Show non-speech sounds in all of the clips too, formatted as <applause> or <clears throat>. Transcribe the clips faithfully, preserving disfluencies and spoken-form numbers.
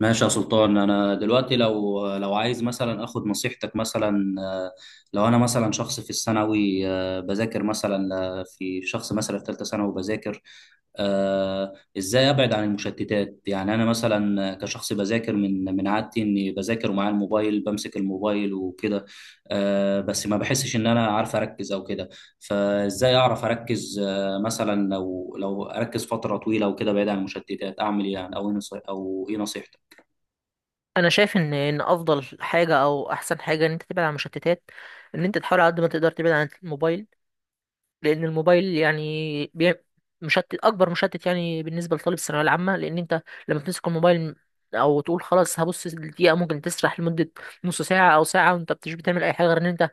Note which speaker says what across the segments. Speaker 1: ماشي يا سلطان، انا دلوقتي لو لو عايز مثلا اخد نصيحتك مثلا آه، لو انا مثلا شخص في الثانوي آه، بذاكر مثلا آه، في شخص مثلا في ثالثه ثانوي بذاكر آه، ازاي ابعد عن المشتتات؟ يعني انا مثلا كشخص بذاكر، من من عادتي اني بذاكر ومعايا الموبايل، بمسك الموبايل وكده آه، بس ما بحسش ان انا عارف اركز او كده. فازاي اعرف اركز آه، مثلا لو لو اركز فتره طويله وكده بعيد عن المشتتات اعمل ايه يعني؟ او إيه نصي- او ايه نصيحتك؟
Speaker 2: انا شايف ان ان افضل حاجه او احسن حاجه ان انت تبعد عن المشتتات. ان انت تحاول على قد ما تقدر تبعد عن الموبايل، لان الموبايل يعني بي... مشتت، اكبر مشتت يعني بالنسبه لطالب الثانويه العامه، لان انت لما بتمسك الموبايل او تقول خلاص هبص دقيقه ممكن تسرح لمده نص ساعه او ساعه، وانت مش بتعمل اي حاجه غير ان انت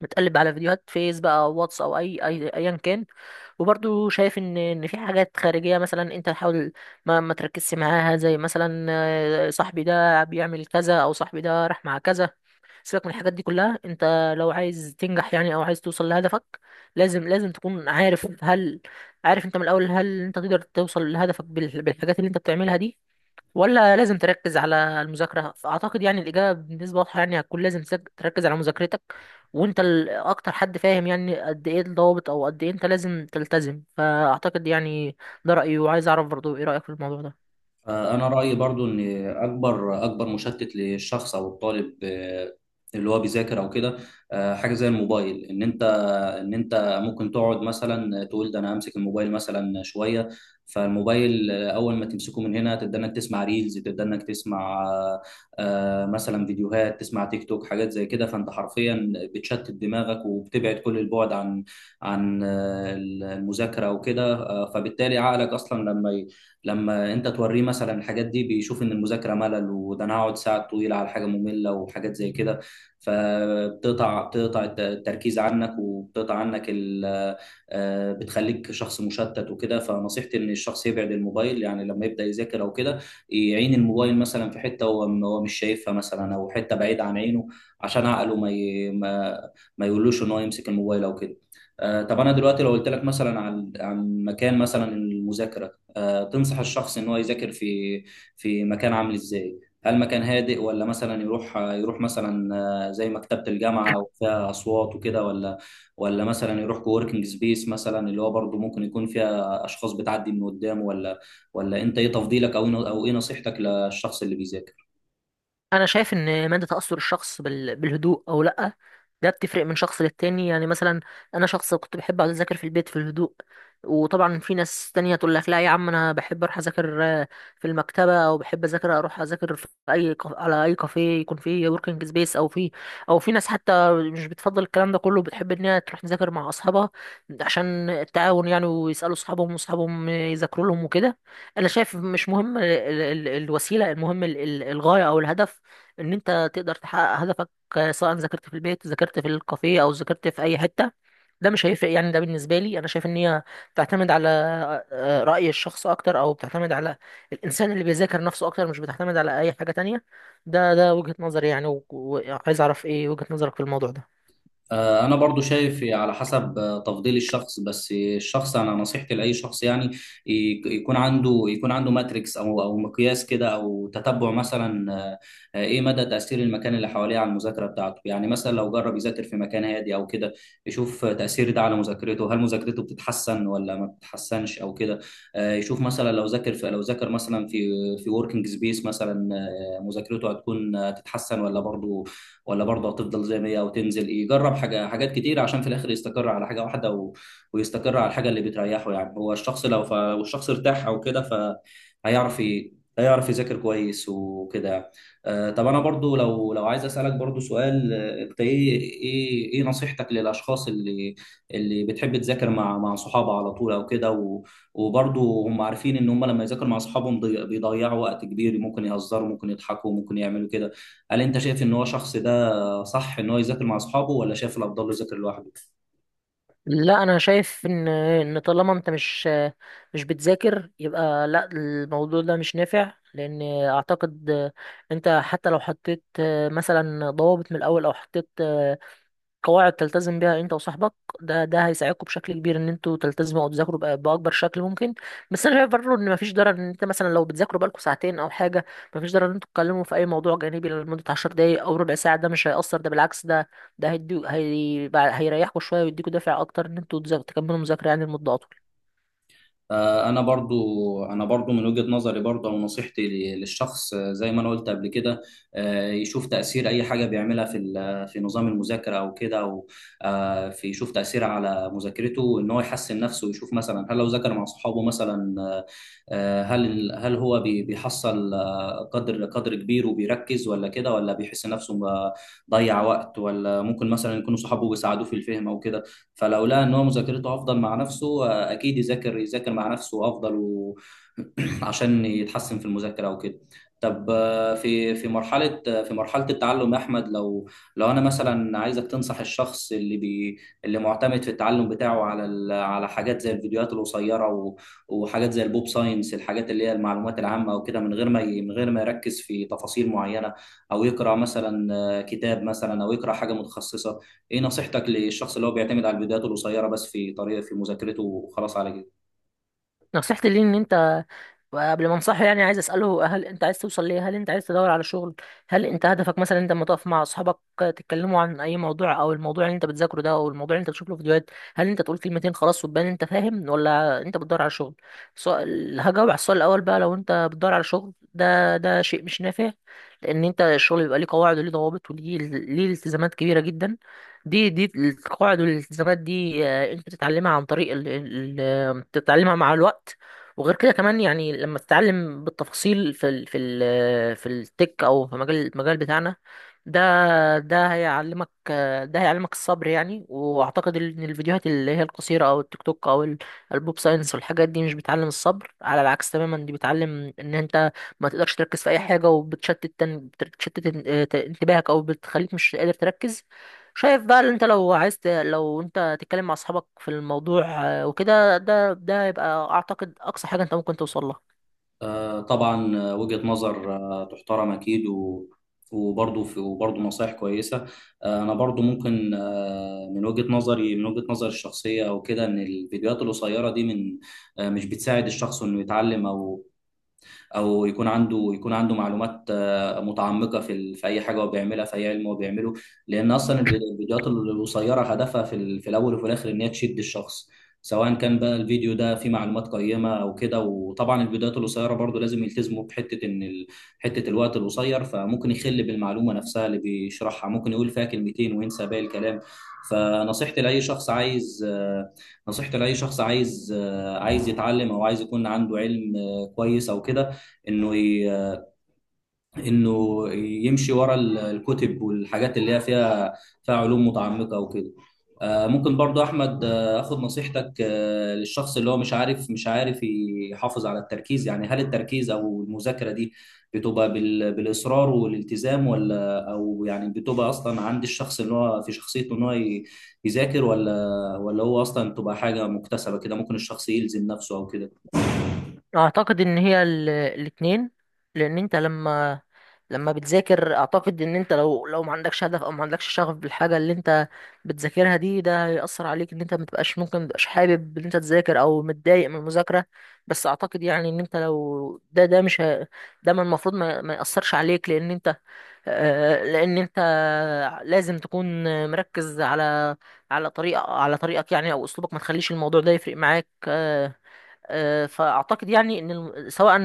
Speaker 2: بتقلب على فيديوهات فيس بقى واتس او اي اي ايا كان. وبرضو شايف ان ان في حاجات خارجيه، مثلا انت تحاول ما ما تركزش معاها، زي مثلا آه، صاحبي ده بيعمل كذا او صاحبي ده راح مع كذا. سيبك من الحاجات دي كلها، انت لو عايز تنجح يعني او عايز توصل لهدفك، لازم لازم تكون عارف هل... عارف انت من الاول هل انت تقدر توصل لهدفك بال- بالحاجات اللي انت بتعملها دي، ولا لازم تركز على المذاكرة. أعتقد يعني الإجابة بالنسبة واضحة، يعني هتكون لازم تك- تركز على مذاكرتك، وأنت ال- أكتر حد فاهم يعني قد إيه الضوابط أو قد إيه أنت لازم تلتزم، فأعتقد يعني ده رأيي، وعايز أعرف برضو إيه رأيك في الموضوع ده.
Speaker 1: انا رايي برضو ان اكبر اكبر مشتت للشخص او الطالب آه، اللي هو بيذاكر او كده آه، حاجه زي الموبايل. ان انت ان انت ممكن تقعد مثلا تقول ده انا همسك الموبايل مثلا شويه. فالموبايل آه، اول ما تمسكه من هنا تبدا انك تسمع ريلز، تبدا انك تسمع آه، آه، مثلا فيديوهات، تسمع تيك توك، حاجات زي كده. فانت حرفيا بتشتت دماغك وبتبعد كل البعد عن عن آه، المذاكره وكده آه، فبالتالي عقلك اصلا لما ي- لما انت توريه مثلا الحاجات دي بيشوف ان المذاكره ملل، وده انا هقعد ساعات طويله على حاجه ممله وحاجات زي كده. فبتقطع بتقطع الت- التركيز عنك، وبتقطع عنك ال... آه، بتخليك شخص مشتت وكده. فنصيحتي ان الشخص يبعد الموبايل، يعني لما يبدا يذاكر او كده يعين الموبايل مثلا في حته هو م- هو مش شايفها مثلا، او حته بعيد عن عينه، عشان عقله ما ي... ما, ما يقولوش ان هو يمسك الموبايل او كده. آه، طب انا دلوقتي لو قلت لك مثلا عن عن مكان مثلا المذاكره آه، تنصح الشخص ان هو يذاكر في في مكان عامل ازاي؟ هل مكان هادئ، ولا مثلا يروح يروح مثلا، مثلا زي مكتبة الجامعة وفيها أصوات وكده، ولا ولا مثلا يروح كووركينج سبيس مثلا، اللي هو برضه ممكن يكون فيها أشخاص بتعدي من قدامه، ولا ولا أنت إيه تفضيلك؟ أو إيه- أو إيه نصيحتك للشخص اللي بيذاكر؟
Speaker 2: انا شايف ان مدى تاثر الشخص بال- بالهدوء او لا، ده بتفرق من شخص للتاني. يعني مثلا انا شخص كنت بحب اقعد اذاكر في البيت في الهدوء، وطبعا في ناس تانية تقول لك لا يا عم، انا بحب اروح اذاكر آه، في المكتبه، او بحب اذاكر اروح اذاكر في اي كاف- على اي كافيه يكون فيه وركينج سبيس، او في... او في ناس حتى مش بتفضل الكلام ده كله، بتحب ان هي تروح تذاكر مع اصحابها عشان التعاون يعني، ويسالوا اصحابهم واصحابهم يذاكروا لهم وكده. انا شايف مش مهم ال- ال- ال- الوسيله، المهم ال- ال- الغايه او الهدف، ان انت تقدر تحقق هدفك. آه، سواء ذاكرت في البيت، ذاكرت في الكافيه، او ذاكرت في اي حته، ده مش هيفرق يعني. ده بالنسبه لي، انا شايف ان هي بتعتمد على آه، راي الشخص اكتر، او بتعتمد على الانسان اللي بيذاكر نفسه اكتر، مش بتعتمد على اي حاجه تانية. ده ده وجهه نظري يعني، و- وعايز اعرف ايه وجهه نظرك في الموضوع ده.
Speaker 1: آه، انا برضو شايف على حسب آه، تفضيل الشخص، بس الشخص انا نصيحتي لاي شخص يعني ي- يكون عنده يكون عنده ماتريكس او او مقياس كده، او تتبع مثلا آه، آه، ايه مدى تاثير المكان اللي حواليه على المذاكره بتاعته. يعني مثلا لو جرب يذاكر في مكان هادي او كده، يشوف تاثير ده على مذاكرته، هل مذاكرته بتتحسن ولا ما بتتحسنش او كده. آه، يشوف مثلا لو ذاكر في لو ذاكر مثلا في في وركينج سبيس مثلا آه، مذاكرته هتكون آه، تتحسن، ولا برضو ولا برضه هتفضل زي ما هي او تنزل. يجرب حاجه حاجات كتير عشان في الاخر يستقر على حاجه واحده و... ويستقر على الحاجه اللي بتريحه. يعني هو الشخص لو ف... والشخص ارتاح او كده، فهيعرف ي... هيعرف يذاكر كويس وكده. آه طب انا برضو لو لو عايز اسالك برضو سؤال آه، انت ايه ايه ايه نصيحتك للاشخاص اللي اللي بتحب تذاكر مع مع صحابها على طول او كده و... وبرضو هم عارفين ان هم لما يذاكروا مع اصحابهم ضي- بيضيعوا وقت كبير، ممكن يهزروا، ممكن يضحكوا، ممكن يعملوا كده. هل انت شايف ان هو شخص ده، صح ان هو يذاكر مع اصحابه، ولا شايف الافضل له يذاكر لوحده؟
Speaker 2: لا انا شايف ان ان طالما انت مش مش بتذاكر، يبقى لا، الموضوع ده مش نافع. لان اعتقد انت حتى لو حطيت مثلا ضوابط من الاول، او حطيت قواعد تلتزم بيها انت وصاحبك، ده ده هيساعدكم بشكل كبير ان انتوا تلتزموا او تذاكروا بأ- باكبر شكل ممكن. بس انا شايف برضه ان مفيش ضرر ان انت مثلا لو بتذاكروا بقالكم ساعتين او حاجه، مفيش ضرر ان انتوا تتكلموا في اي موضوع جانبي لمده 10 دقايق او ربع ساعه. ده مش هيأثر، ده بالعكس، ده ده هيدي هي... هيريحكم شويه، ويديكوا دافع اكتر ان انتوا تذا- تكملوا مذاكره يعني لمده اطول.
Speaker 1: آه، انا برضو انا برضو من وجهة نظري برضو او نصيحتي ل- للشخص آه، زي ما انا قلت قبل كده آه، يشوف تاثير اي حاجه بيعملها في ال- في نظام المذاكره او كده، او آه، في يشوف تاثيرها على مذاكرته، ان هو يحسن نفسه ويشوف مثلا هل لو ذاكر مع اصحابه مثلا آه، آه، هل هل هو بي- بيحصل آه، قدر قدر كبير وبيركز ولا كده، ولا بيحس نفسه ضيع وقت، ولا ممكن مثلا يكونوا صحابه بيساعدوه في الفهم او كده. فلو لقى ان هو مذاكرته افضل مع نفسه آه، اكيد يذاكر يذاكر مع نفسه افضل و... <clears throat> عشان يتحسن في المذاكره وكده. طب آه، في في مرحله آه، في مرحله التعلم يا احمد، لو لو انا مثلا عايزك تنصح الشخص اللي بي اللي معتمد في التعلم بتاعه على ال... على حاجات زي الفيديوهات القصيره و... وحاجات زي البوب ساينس، الحاجات اللي هي المعلومات العامه وكده، من غير ما ي... من غير ما يركز في تفاصيل معينه، او يقرا مثلا آه، كتاب مثلا، او يقرا حاجه متخصصه، ايه نصيحتك للشخص اللي هو بيعتمد على الفيديوهات القصيره بس في طريقه في مذاكرته وخلاص على كده؟
Speaker 2: نصيحتي ليه ان انت، وقبل ما انصحه يعني، عايز اساله هل انت عايز توصل ليه؟ هل انت عايز تدور على شغل؟ هل انت هدفك مثلا، انت لما تقف مع اصحابك تتكلموا عن اي موضوع او الموضوع اللي انت بتذاكره ده او الموضوع اللي انت بتشوف له فيديوهات، هل انت تقول كلمتين خلاص وتبان انت فاهم، ولا انت بتدور على شغل؟ سؤال هجاوب على السؤال الاول بقى. لو انت بتدور على شغل، ده ده شيء مش نافع، لان انت الشغل بيبقى ليه قواعد وليه ضوابط وليه ليه التزامات كبيره جدا. دي دي القواعد والالتزامات دي، آه، انت تتعلمها عن طريق ال... ال... تتعلمها مع الوقت. وغير كده كمان، يعني لما تتعلم بالتفاصيل في ال في ال في التك، او في مجال المجال بتاعنا ده ده هيعلمك ده هيعلمك الصبر يعني. واعتقد ان الفيديوهات اللي هي القصيره او التيك توك او ال- البوب ساينس والحاجات دي مش بتعلم الصبر، على العكس تماما، دي بتعلم ان انت ما تقدرش تركز في اي حاجه، وبتشتت تن- بتشتت ان- اه، انتباهك، او بتخليك مش قادر تركز. شايف بقى اللي انت لو عايز ت- لو انت تتكلم مع اصحابك في الموضوع آه، وكده، ده ده هيبقى اعتقد اقصى حاجة انت ممكن توصل لها.
Speaker 1: آه طبعا آه، وجهه نظر آه تحترم اكيد، و وبرضه في وبرضه نصائح كويسه. آه، انا برضه ممكن آه، من وجهه نظري من وجهه نظري الشخصيه او كده، ان الفيديوهات القصيره دي من آه، مش بتساعد الشخص انه يتعلم، او او يكون عنده يكون عنده معلومات آه، متعمقه في ال- في اي حاجه هو بيعملها، في اي علم هو بيعمله. لان اصلا الفيديو- الفيديوهات القصيره هدفها في ال- في الاول وفي الاخر ان هي تشد الشخص، سواء كان بقى الفيديو ده فيه معلومات قيمه او كده. وطبعا الفيديوهات القصيره برضو لازم يلتزموا بحته، ان ال... حته الوقت القصير فممكن يخل بالمعلومه نفسها اللي بيشرحها، ممكن يقول فيها كلمتين وينسى باقي الكلام. فنصيحتي لاي شخص عايز آه، نصيحتي لاي شخص عايز آه، عايز يتعلم، او عايز يكون عنده علم آه، كويس او كده، انه ي... انه يمشي ورا ال- الكتب والحاجات اللي هي فيها، فيها علوم متعمقه وكده. آه، ممكن برضو احمد آه، اخد نصيحتك آه، للشخص اللي هو مش عارف مش عارف يحافظ على التركيز؟ يعني هل التركيز او المذاكره دي بتبقى بال... بالاصرار والالتزام، ولا او يعني بتبقى اصلا عند الشخص اللي هو في شخصيته ان هو ي- يذاكر، ولا ولا هو اصلا بتبقى حاجه مكتسبه كده، ممكن الشخص يلزم نفسه او
Speaker 2: اعتقد ان هي ال- الاتنين، لان انت لما لما بتذاكر. اعتقد ان انت لو لو ما عندكش هدف او ما عندكش شغف بالحاجة اللي انت بتذاكرها دي، ده هيأثر عليك، ان انت متبقاش، ممكن متبقاش حابب ان انت تذاكر، او متضايق من المذاكرة. بس اعتقد يعني ان انت لو ده ده مش هي- ده من المفروض ما, ما يأثرش عليك، لان انت آه، لان انت لازم تكون مركز على على طريقه على طريقك يعني او اسلوبك، ما تخليش الموضوع ده يفرق معاك آه، آه، فاعتقد يعني ان الم- سواء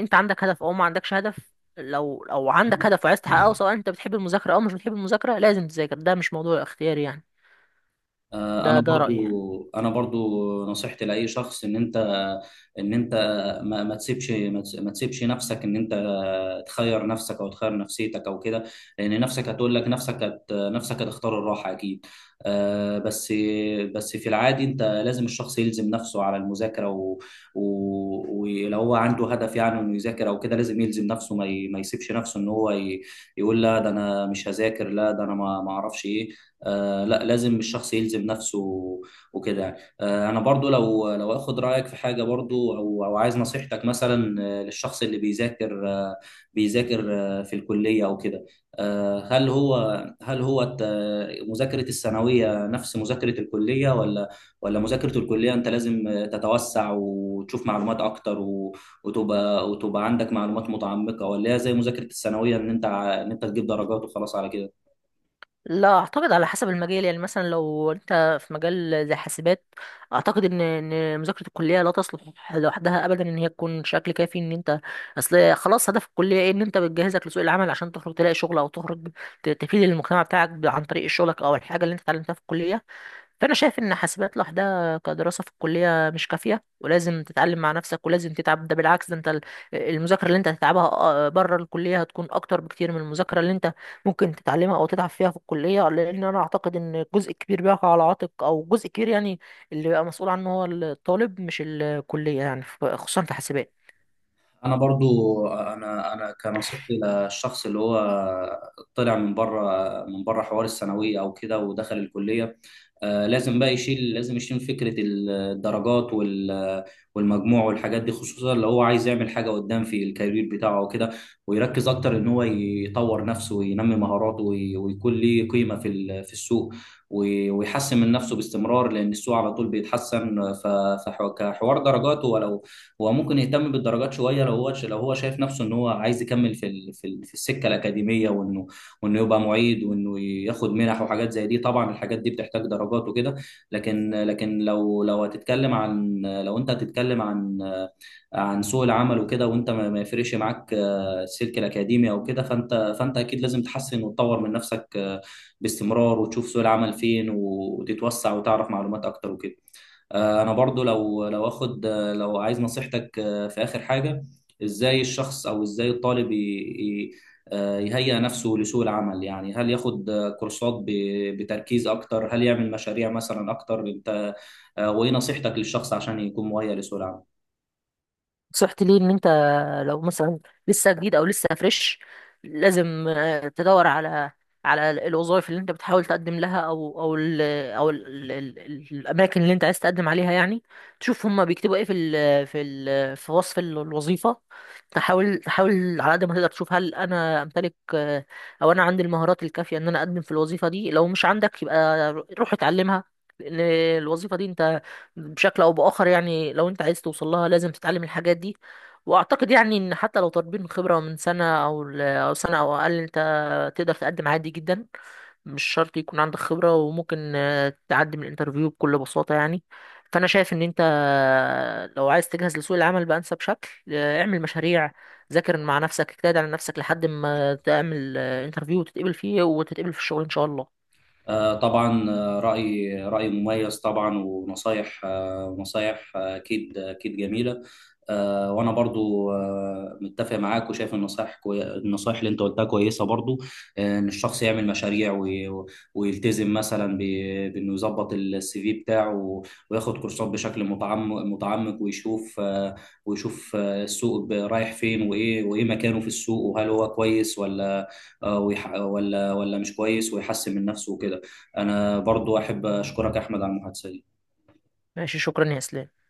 Speaker 2: انت عندك هدف او ما عندكش هدف، لو لو عندك هدف وعايز تحققه،
Speaker 1: كده؟
Speaker 2: سواء انت بتحب المذاكره او مش بتحب المذاكره، لازم تذاكر، ده مش موضوع اختياري يعني.
Speaker 1: آه،
Speaker 2: ده
Speaker 1: انا
Speaker 2: ده
Speaker 1: برضو
Speaker 2: رايي يعني.
Speaker 1: انا برضو نصيحتي لاي شخص، ان انت ان انت ما, ما تسيبش ما تس- ما تسيبش نفسك ان انت تخير نفسك، او تخير نفسيتك او كده. لان نفسك هتقول لك، نفسك هت... نفسك هتختار الراحه اكيد. آه، بس بس في العادي انت لازم الشخص يلزم نفسه على المذاكره، و... و... ولو هو عنده هدف يعني انه يذاكر او كده، لازم يلزم نفسه، ما, ي... ما يسيبش نفسه ان هو ي... يقول لا، ده انا مش هذاكر، لا ده انا ما ما اعرفش ايه. آه لا، لازم الشخص يلزم نفسه وكده يعني. آه انا برضو لو لو اخد رايك في حاجه برضو، او او عايز نصيحتك مثلا آه، للشخص اللي بيذاكر آه، بيذاكر آه، في الكلية أو كده. آه، هل هو هل هو الت- مذاكرة الثانوية نفس مذاكرة الكلية، ولا ولا مذاكرة الكلية أنت لازم تتوسع وتشوف معلومات أكتر، و- وتبقى وتبقى عندك معلومات متعمقة، ولا هي زي مذاكرة الثانوية إن أنت ع- إن أنت تجيب درجات وخلاص على كده؟
Speaker 2: لا اعتقد على حسب المجال. يعني مثلا لو انت في مجال زي حاسبات، اعتقد ان ان مذاكره الكليه لا تصلح لوحدها ابدا ان هي تكون شكل كافي ان انت... اصل خلاص هدف الكليه ايه؟ ان انت بتجهزك لسوق العمل عشان تخرج تلاقي شغل، او تخرج ت- تفيد المجتمع بتاعك ب- عن طريق شغلك او الحاجه اللي انت اتعلمتها في الكليه. فانا شايف ان حاسبات لوحدها كدراسه في الكليه مش كافيه، ولازم تتعلم مع نفسك ولازم تتعب. ده بالعكس، ده انت ال- المذاكره اللي انت هتتعبها بره الكليه هتكون اكتر بكتير من المذاكره اللي انت ممكن تتعلمها او تتعب فيها في الكليه، لان انا اعتقد ان جزء كبير بيقع على عاتق، او جزء كبير يعني اللي بيبقى مسؤول عنه هو الطالب مش الكليه يعني، ف- خصوصا في حاسبات.
Speaker 1: انا برضو انا انا كنصيحتي للشخص اللي هو طلع من بره، من بره حوار الثانويه او كده، ودخل الكليه آه، لازم بقى يشيل، لازم يشيل فكره الدرجات وال- والمجموع والحاجات دي، خصوصا لو هو عايز يعمل حاجه قدام في الكارير بتاعه او كده، ويركز اكتر ان هو يطور نفسه، وينمي مهاراته، وي- ويكون ليه قيمه في ال- في السوق، وي- ويحسن من نفسه باستمرار. لان السوق على طول بيتحسن. فكحوار درجاته، ولو هو ممكن يهتم بالدرجات شويه، لو هو لو هو شايف نفسه ان هو عايز يكمل في ال- في ال- في السكه الاكاديميه، وانه وانه يبقى معيد، وانه ياخد منح، وحاجات زي دي، طبعا الحاجات دي بتحتاج درجات وكده. لكن لكن لو لو هتتكلم عن لو انت هتتكلم عن عن سوق العمل وكده، وانت ما ما يفرقش معاك آه، السلك الاكاديمي او كده، فانت فانت اكيد لازم تحسن وتطور من نفسك آه، باستمرار، وتشوف سوق العمل فين، وتتوسع، وتعرف معلومات اكتر وكده. آه، انا برضو لو لو اخد آه، لو عايز نصيحتك آه، في اخر حاجه، ازاي الشخص، او ازاي الطالب ي- ي- آه، يهيئ نفسه لسوق العمل؟ يعني هل ياخد آه، كورسات ب- بتركيز اكتر؟ هل يعمل مشاريع مثلا اكتر؟ انت آه، وايه نصيحتك للشخص عشان يكون مهيئ لسوق العمل؟
Speaker 2: نصيحتي ليه ان انت لو مثلا لسه جديد او لسه فريش، لازم آه، تدور على على الوظائف اللي انت بتحاول تقدم لها، او او ال او ال ال ال الاماكن اللي انت عايز تقدم عليها يعني. تشوف هما بيكتبوا ايه في ال في ال في وصف ال- الوظيفه. تحاول تحاول على قد ما تقدر تشوف هل انا امتلك آه، او انا عندي المهارات الكافيه ان انا اقدم في الوظيفه دي. لو مش عندك، يبقى روح اتعلمها، لان الوظيفه دي انت بشكل او باخر يعني، لو انت عايز توصل لها لازم تتعلم الحاجات دي. واعتقد يعني ان حتى لو طالبين خبره من سنه او ل- او سنه او اقل، انت تقدر تقدم عادي جدا، مش شرط يكون عندك خبره، وممكن آه، تعدي من الانترفيو بكل بساطه يعني. فانا شايف ان انت آه، لو عايز تجهز لسوق العمل بانسب شكل، آه، اعمل مشاريع، ذاكر مع نفسك، اجتهد على نفسك، لحد ما تعمل انترفيو وتتقبل فيه وتتقبل في الشغل ان شاء الله.
Speaker 1: آه، طبعا آه، رأي رأي مميز طبعا، ونصايح آه، نصايح آه، أكيد أكيد جميلة. آه، وأنا برضو آه، متفق معاك، وشايف النصايح كوي... النصايح اللي أنت قلتها كويسة برضو. آه، إن الشخص يعمل مشاريع، وي... ويلتزم مثلا ب... بإنه يظبط السي في بتاعه، و... وياخد كورسات بشكل متعمق متعمق، ويشوف آه، ويشوف آه، السوق ب- رايح فين، وإيه وإيه مكانه في السوق، وهل هو كويس ولا آه، ويح... ولا ولا مش كويس، ويحسن من نفسه وكده. انا برضو احب اشكرك احمد على المحادثه دي.
Speaker 2: ماشي، شكرا يا اسلام.